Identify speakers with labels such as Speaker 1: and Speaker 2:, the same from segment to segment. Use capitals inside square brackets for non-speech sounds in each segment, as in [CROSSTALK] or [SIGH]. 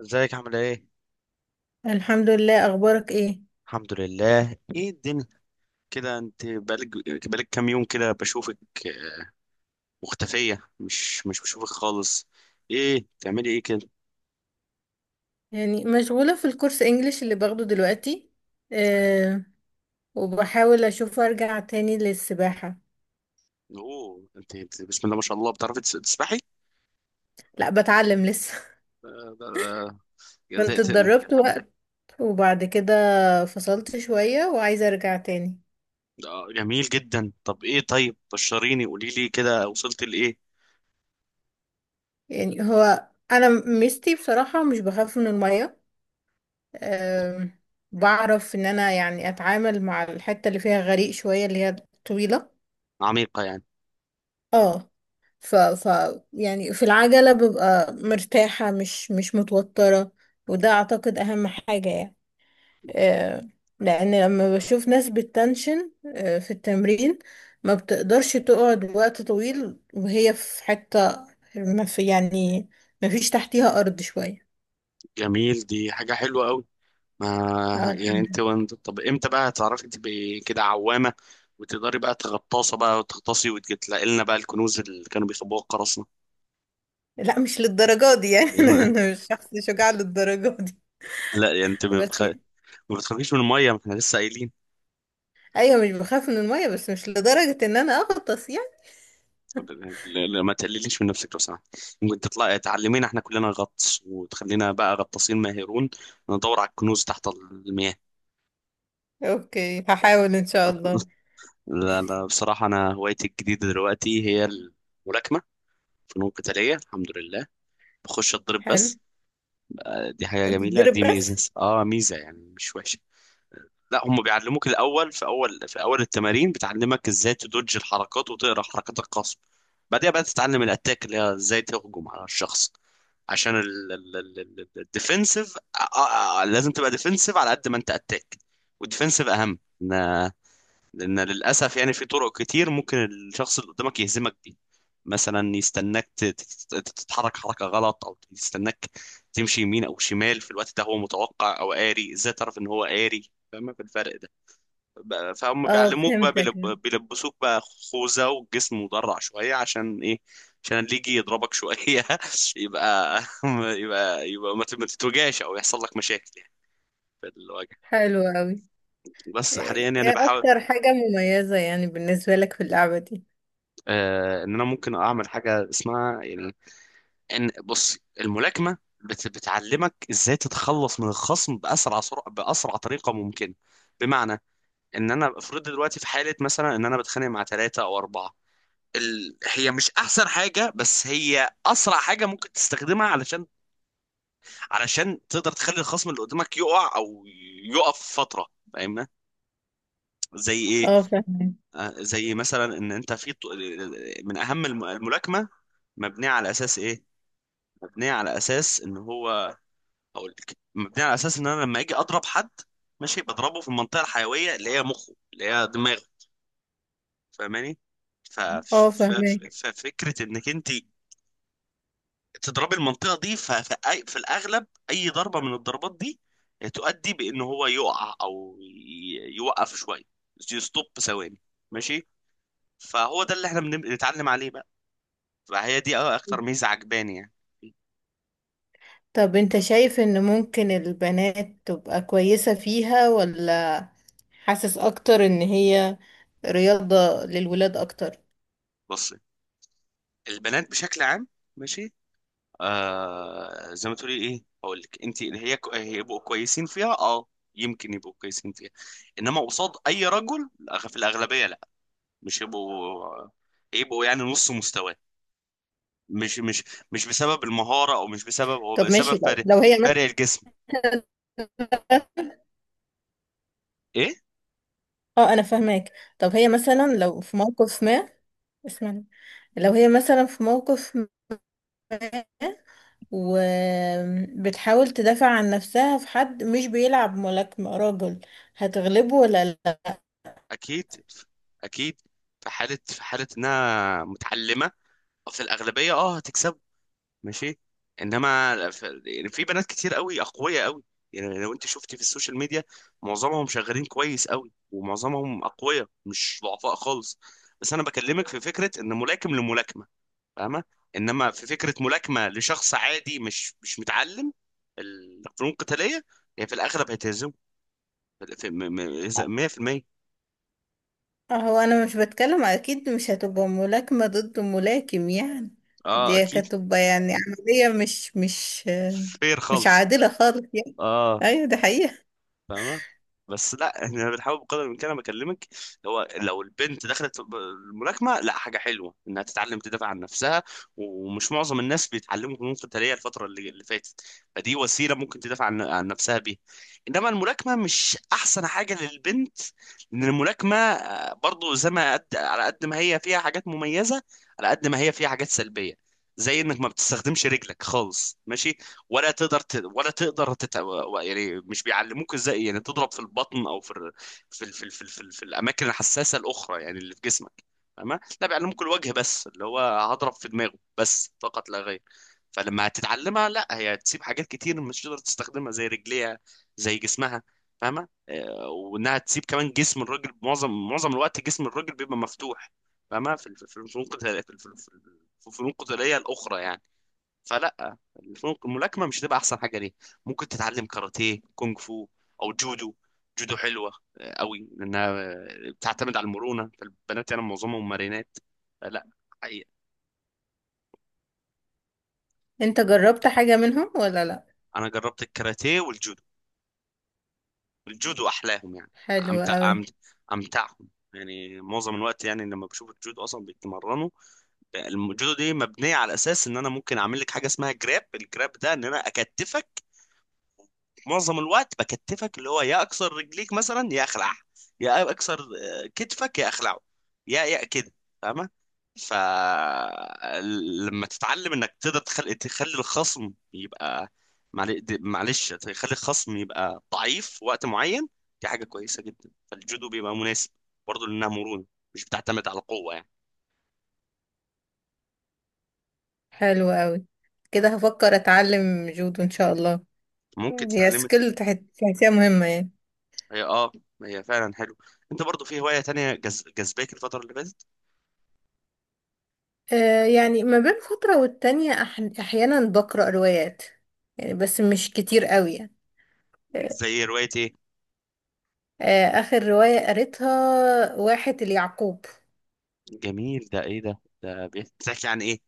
Speaker 1: ازيك عامل ايه؟
Speaker 2: الحمد لله، اخبارك ايه؟
Speaker 1: الحمد لله، ايه الدنيا؟ كده انت بقالك كام يوم كده بشوفك. آه، مختفية، مش بشوفك خالص. ايه بتعملي ايه كده؟
Speaker 2: يعني مشغولة في الكورس انجليش اللي باخده دلوقتي. أه وبحاول اشوف ارجع تاني للسباحة.
Speaker 1: اوه، انت بسم الله ما شاء الله بتعرفي تسبحي؟
Speaker 2: لا بتعلم لسه.
Speaker 1: آه،
Speaker 2: [LAUGHS]
Speaker 1: ده-
Speaker 2: كنت
Speaker 1: ده- ده-
Speaker 2: اتدربت وقت وبعد كده فصلت شوية وعايزة ارجع تاني.
Speaker 1: ده جميل جدا. طب ايه، طيب بشريني، قولي لي كده وصلت لايه؟
Speaker 2: يعني هو انا ميزتي بصراحة مش بخاف من المية. أه بعرف ان انا يعني اتعامل مع الحتة اللي فيها غريق شوية اللي هي طويلة.
Speaker 1: عميقة يعني.
Speaker 2: اه. ف ف يعني في العجلة ببقى مرتاحة، مش متوترة. وده اعتقد اهم حاجة يعني. آه لان لما بشوف ناس بالتنشن آه في التمرين ما بتقدرش تقعد وقت طويل وهي في حتة، ما في يعني ما فيش تحتيها ارض شوية.
Speaker 1: جميل، دي حاجة حلوة قوي. ما
Speaker 2: اه الحمد
Speaker 1: يعني
Speaker 2: لله.
Speaker 1: انت، وانت طب امتى بقى هتعرفي تبقي كده عوامة وتقدري بقى تغطاسة بقى وتغطاسي وتلاقي لنا بقى الكنوز اللي كانوا بيخبوها القراصنة.
Speaker 2: لا مش للدرجة دي يعني. [LAUGHS] انا
Speaker 1: لأن- [LAUGHS]
Speaker 2: أنا مش شخص شجاع للدرجة دي.
Speaker 1: لا يعني انت ما
Speaker 2: بس
Speaker 1: بتخ...
Speaker 2: يعني،
Speaker 1: ما بتخافيش من المية، ما احنا لسه قايلين.
Speaker 2: ايوه مش بخاف من المية بس مش لدرجة ان انا اغطس يعني.
Speaker 1: ما تقلليش من نفسك لو سمحت. ممكن تطلعي تعلمينا احنا كلنا غطس وتخلينا بقى غطاسين ماهرون، ندور على الكنوز تحت المياه.
Speaker 2: اوكي هحاول ان شاء الله.
Speaker 1: لا لا، بصراحة انا هوايتي الجديدة دلوقتي هي الملاكمة، فنون قتالية، الحمد لله. بخش اتضرب
Speaker 2: حلو.
Speaker 1: بس. دي حاجة جميلة،
Speaker 2: تتضرب
Speaker 1: دي
Speaker 2: بس؟
Speaker 1: ميزة، اه ميزة يعني، مش وحشة. لا، هم بيعلموك الأول، في أول التمارين بتعلمك ازاي تدوج الحركات وتقرا حركات الخصم. بعدها بقى تتعلم الأتاك، اللي هي ازاي تهجم على الشخص، عشان الديفنسيف. لازم تبقى ديفنسيف على قد ما انت أتاك، والديفنسيف أهم، لان للاسف يعني في طرق كتير ممكن الشخص اللي قدامك يهزمك بيه. مثلا يستناك تتحرك حركه غلط، او يستناك تمشي يمين او شمال، في الوقت ده هو متوقع او قاري. ازاي تعرف ان هو قاري؟ فاهم في الفرق ده؟ فهم
Speaker 2: اه
Speaker 1: بيعلموك بقى،
Speaker 2: فهمتك.
Speaker 1: بيلبسوك بقى خوذه، والجسم مدرع شويه. عشان ايه؟ عشان اللي يجي يضربك شويه [LAUGHS] يبقى، يبقى ما تتوجعش او يحصل لك مشاكل يعني في الوجه.
Speaker 2: حلو قوي.
Speaker 1: بس حاليا
Speaker 2: ايه
Speaker 1: يعني
Speaker 2: إيه
Speaker 1: بحاول.
Speaker 2: اكتر حاجة مميزة يعني بالنسبة لك في اللعبة دي؟
Speaker 1: آه، ان انا ممكن اعمل حاجه اسمها يعني، ان بص الملاكمه بتعلمك ازاي تتخلص من الخصم باسرع سرعه، باسرع طريقه ممكنه. بمعنى ان انا افرض دلوقتي في حاله مثلا ان انا بتخانق مع ثلاثه او اربعه. ال... هي مش احسن حاجه بس هي اسرع حاجه ممكن تستخدمها، علشان تقدر تخلي الخصم اللي قدامك يقع او يقف فتره. فاهمنا؟ زي ايه؟
Speaker 2: اه فهمك.
Speaker 1: آه، زي مثلا ان انت في من اهم الملاكمه مبنيه على اساس ايه؟ مبنيه على اساس ان هو، هقول لك، مبنيه على اساس ان انا لما اجي اضرب حد، ماشي، بضربه في المنطقه الحيويه اللي هي مخه، اللي هي دماغه. فاهماني؟
Speaker 2: اه فهمك.
Speaker 1: ففكره انك انت تضربي المنطقه دي في الاغلب اي ضربه من الضربات دي تؤدي بان هو يقع او يوقف شويه، يستوب ثواني، ماشي. فهو ده اللي احنا بنتعلم عليه بقى. فهي دي اكتر ميزه عجباني يعني.
Speaker 2: طب انت شايف ان ممكن البنات تبقى كويسة فيها، ولا حاسس اكتر ان هي رياضة للولاد اكتر؟
Speaker 1: بص، البنات بشكل عام، ماشي، آه زي ما تقولي ايه، هقول لك انت، اللي هي هيبقوا كويسين فيها، اه يمكن يبقوا كويسين فيها، انما قصاد اي رجل في الاغلبيه لا. مش يبقوا، يبقوا يعني نص مستواه. مش مش بسبب المهاره، او مش بسبب هو،
Speaker 2: طب
Speaker 1: بسبب
Speaker 2: ماشي، لو
Speaker 1: فرق،
Speaker 2: لو هي
Speaker 1: فرق الجسم.
Speaker 2: مثلا.
Speaker 1: ايه؟
Speaker 2: اه انا فهماك. طب هي مثلا لو في موقف ما، اسمعني، لو هي مثلا في موقف وبتحاول تدافع عن نفسها في حد مش بيلعب ملاكمة، راجل، هتغلبه ولا لا؟
Speaker 1: اكيد، اكيد. في حاله انها متعلمه، في الاغلبيه اه هتكسبه، ماشي. انما يعني في بنات كتير قوي، اقوياء قوي. يعني لو انت شفتي في السوشيال ميديا، معظمهم شغالين كويس قوي، ومعظمهم اقوياء مش ضعفاء خالص. بس انا بكلمك في فكره ان ملاكم لملاكمه، فاهمه؟ انما في فكره ملاكمه لشخص عادي، مش متعلم الفنون القتاليه، هي في الاغلب هتهزمه في- في- 100%.
Speaker 2: هو انا مش بتكلم اكيد مش هتبقى ملاكمة ضد ملاكم يعني.
Speaker 1: اه
Speaker 2: دي
Speaker 1: اكيد،
Speaker 2: هتبقى يعني عملية مش مش
Speaker 1: فير
Speaker 2: مش
Speaker 1: خالص،
Speaker 2: عادلة خالص يعني.
Speaker 1: اه.
Speaker 2: ايوه دي حقيقة.
Speaker 1: فاهمة؟ بس لا، احنا بنحاول بقدر الامكان. انا بكلمك هو لو البنت دخلت الملاكمه، لا حاجه حلوه انها تتعلم تدافع عن نفسها، ومش معظم الناس بيتعلموا فنون قتاليه الفتره اللي فاتت. فدي وسيله ممكن تدافع عن نفسها بيها. انما الملاكمه مش احسن حاجه للبنت، لان الملاكمه آه، برضو زي ما قد، على قد ما هي فيها حاجات مميزه، على قد ما هي فيها حاجات سلبيه. زي انك ما بتستخدمش رجلك خالص، ماشي، ولا تقدر ت... ولا تقدر تت... يعني مش بيعلموك ازاي يعني تضرب في البطن او في ال... في ال... في ال... في الاماكن الحساسه الاخرى يعني اللي في جسمك. فاهمة؟ لا، بيعلموك الوجه بس، اللي هو هضرب في دماغه بس فقط لا غير. فلما هتتعلمها، لا، هي هتسيب حاجات كتير مش تقدر تستخدمها، زي رجليها، زي جسمها. فاهمة؟ آه، وانها تسيب كمان جسم الراجل. معظم الوقت جسم الراجل بيبقى مفتوح. فاهمة؟ في الفنون القتالية، في الفنون القتالية الأخرى يعني. فلا، الفنون الملاكمه مش هتبقى احسن حاجه ليه. ممكن تتعلم كاراتيه، كونغ فو، او جودو. جودو حلوه آه، قوي، لانها آه، بتعتمد على المرونه، فالبنات يعني معظمهم مرينات. لا، حقيقة.
Speaker 2: انت جربت حاجة منهم ولا لا؟
Speaker 1: انا جربت الكاراتيه والجودو. الجودو احلاهم يعني،
Speaker 2: حلو
Speaker 1: امتع
Speaker 2: قوي.
Speaker 1: أمت... امتعهم. يعني معظم الوقت يعني لما بشوف الجودو اصلا بيتمرنوا، الجودو دي مبنيه على اساس ان انا ممكن اعمل لك حاجه اسمها جراب. الجراب ده ان انا اكتفك. معظم الوقت بكتفك، اللي هو يا اكسر رجليك مثلا، يا اخلع، يا اكسر آه، كتفك، يا اخلعه، يا يا كده. فاهمه؟ ف لما تتعلم انك تقدر تخلي الخصم يبقى معلش، تخلي الخصم يبقى ضعيف في وقت معين، دي حاجه كويسه جدا. فالجودو بيبقى مناسب برضه لانها مرونه، مش بتعتمد على القوه يعني.
Speaker 2: حلو قوي. كده هفكر اتعلم جودو ان شاء الله.
Speaker 1: ممكن
Speaker 2: هي
Speaker 1: تتعلم.
Speaker 2: سكيل تحسيها مهمة يعني؟
Speaker 1: هي اه، هي فعلا حلو. انت برضه في هوايه تانية جز... جذباك الفتره اللي فاتت؟
Speaker 2: يعني ما بين فترة والتانية، أحيانا بقرأ روايات يعني، بس مش كتير قوي يعني. آه،
Speaker 1: زي روايه ايه؟
Speaker 2: آخر رواية قريتها واحد اليعقوب.
Speaker 1: جميل، ده ايه ده، ده بيحكي عن ايه؟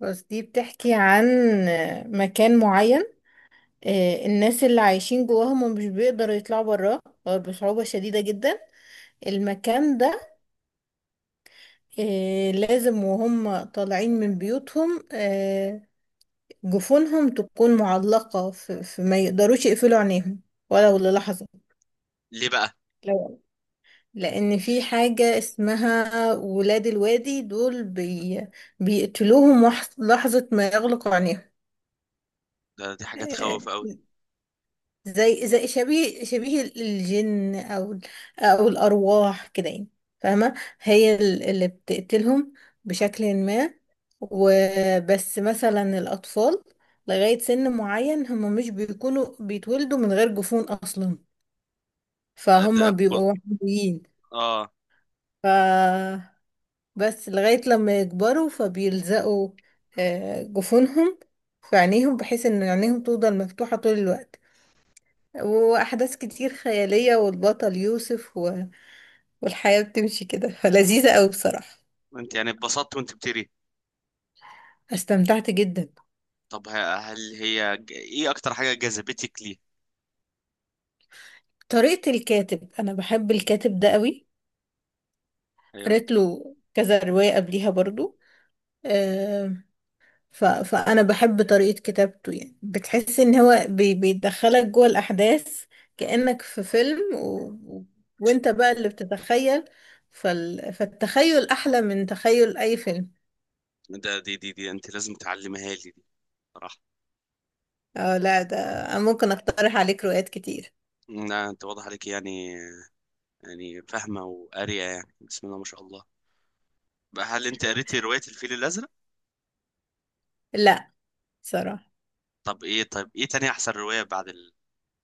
Speaker 2: بس دي بتحكي عن، مكان معين. الناس اللي عايشين جواه هم مش بيقدروا يطلعوا براه، أو بصعوبة شديدة جدا. المكان ده، لازم وهم طالعين من بيوتهم جفونهم تكون معلقة، ما يقدروش يقفلوا عينيهم ولو للحظة.
Speaker 1: ليه بقى؟
Speaker 2: لو لأن في حاجة اسمها ولاد الوادي، دول بيقتلوهم لحظة ما يغلقوا عينيهم.
Speaker 1: ده دي حاجة
Speaker 2: آه،
Speaker 1: تخوف قوي.
Speaker 2: زي، شبيه الجن، أو الأرواح كده يعني. فاهمة؟ هي اللي بتقتلهم بشكل ما. وبس مثلا الأطفال لغاية سن معين هم مش بيكونوا بيتولدوا من غير جفون أصلا،
Speaker 1: ده ده
Speaker 2: فهم
Speaker 1: قل-
Speaker 2: بيبقوا وحيدين.
Speaker 1: اه.
Speaker 2: بس لغاية لما يكبروا فبيلزقوا جفونهم في عينيهم، بحيث ان عينيهم تفضل مفتوحة طول الوقت. وأحداث كتير خيالية، والبطل يوسف والحياة بتمشي كده، فلذيذة أوي بصراحة.
Speaker 1: انت يعني اتبسطت وانت بتقري؟
Speaker 2: استمتعت جدا.
Speaker 1: طب هل هي ايه اكتر حاجة جذبتك ليه؟
Speaker 2: طريقة الكاتب، أنا بحب الكاتب ده أوي.
Speaker 1: ايوه.
Speaker 2: قريت له كذا رواية قبليها برضو. فأنا بحب طريقة كتابته. يعني بتحس إن هو بيدخلك جوه الأحداث كأنك في فيلم و- وإنت بقى اللي بتتخيل. فالتخيل أحلى من تخيل أي فيلم.
Speaker 1: ده دي دي دي انت لازم تعلمها لي دي، صراحة.
Speaker 2: اه لا ده أنا ممكن أقترح عليك روايات كتير.
Speaker 1: لا انت واضح عليك يعني، يعني فاهمة وقارية يعني، بسم الله ما شاء الله. بقى هل انت قريتي رواية الفيل الازرق؟
Speaker 2: لا صراحة.
Speaker 1: طب ايه، طيب ايه تاني احسن رواية بعد ال...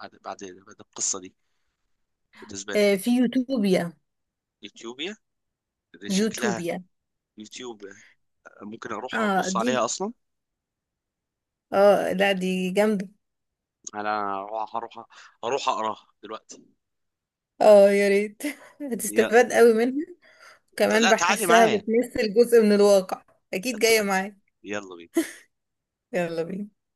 Speaker 1: بعد القصة دي بالنسبة لك؟
Speaker 2: آه، في يوتوبيا.
Speaker 1: يوتيوبيا؟ دي شكلها
Speaker 2: يوتوبيا.
Speaker 1: يوتيوب. ممكن اروح
Speaker 2: اه
Speaker 1: ابص
Speaker 2: دي،
Speaker 1: عليها اصلا.
Speaker 2: اه لا دي جامدة.
Speaker 1: انا هروح، هروح اقراها دلوقتي.
Speaker 2: اه يا ريت. [LAUGHS]
Speaker 1: يلا.
Speaker 2: هتستفاد قوي منها. كمان
Speaker 1: لا تعالي
Speaker 2: بحسها
Speaker 1: معايا.
Speaker 2: بتمثل جزء من الواقع. أكيد جاية
Speaker 1: ت-
Speaker 2: معايا.
Speaker 1: يلا بينا.
Speaker 2: يلا بينا.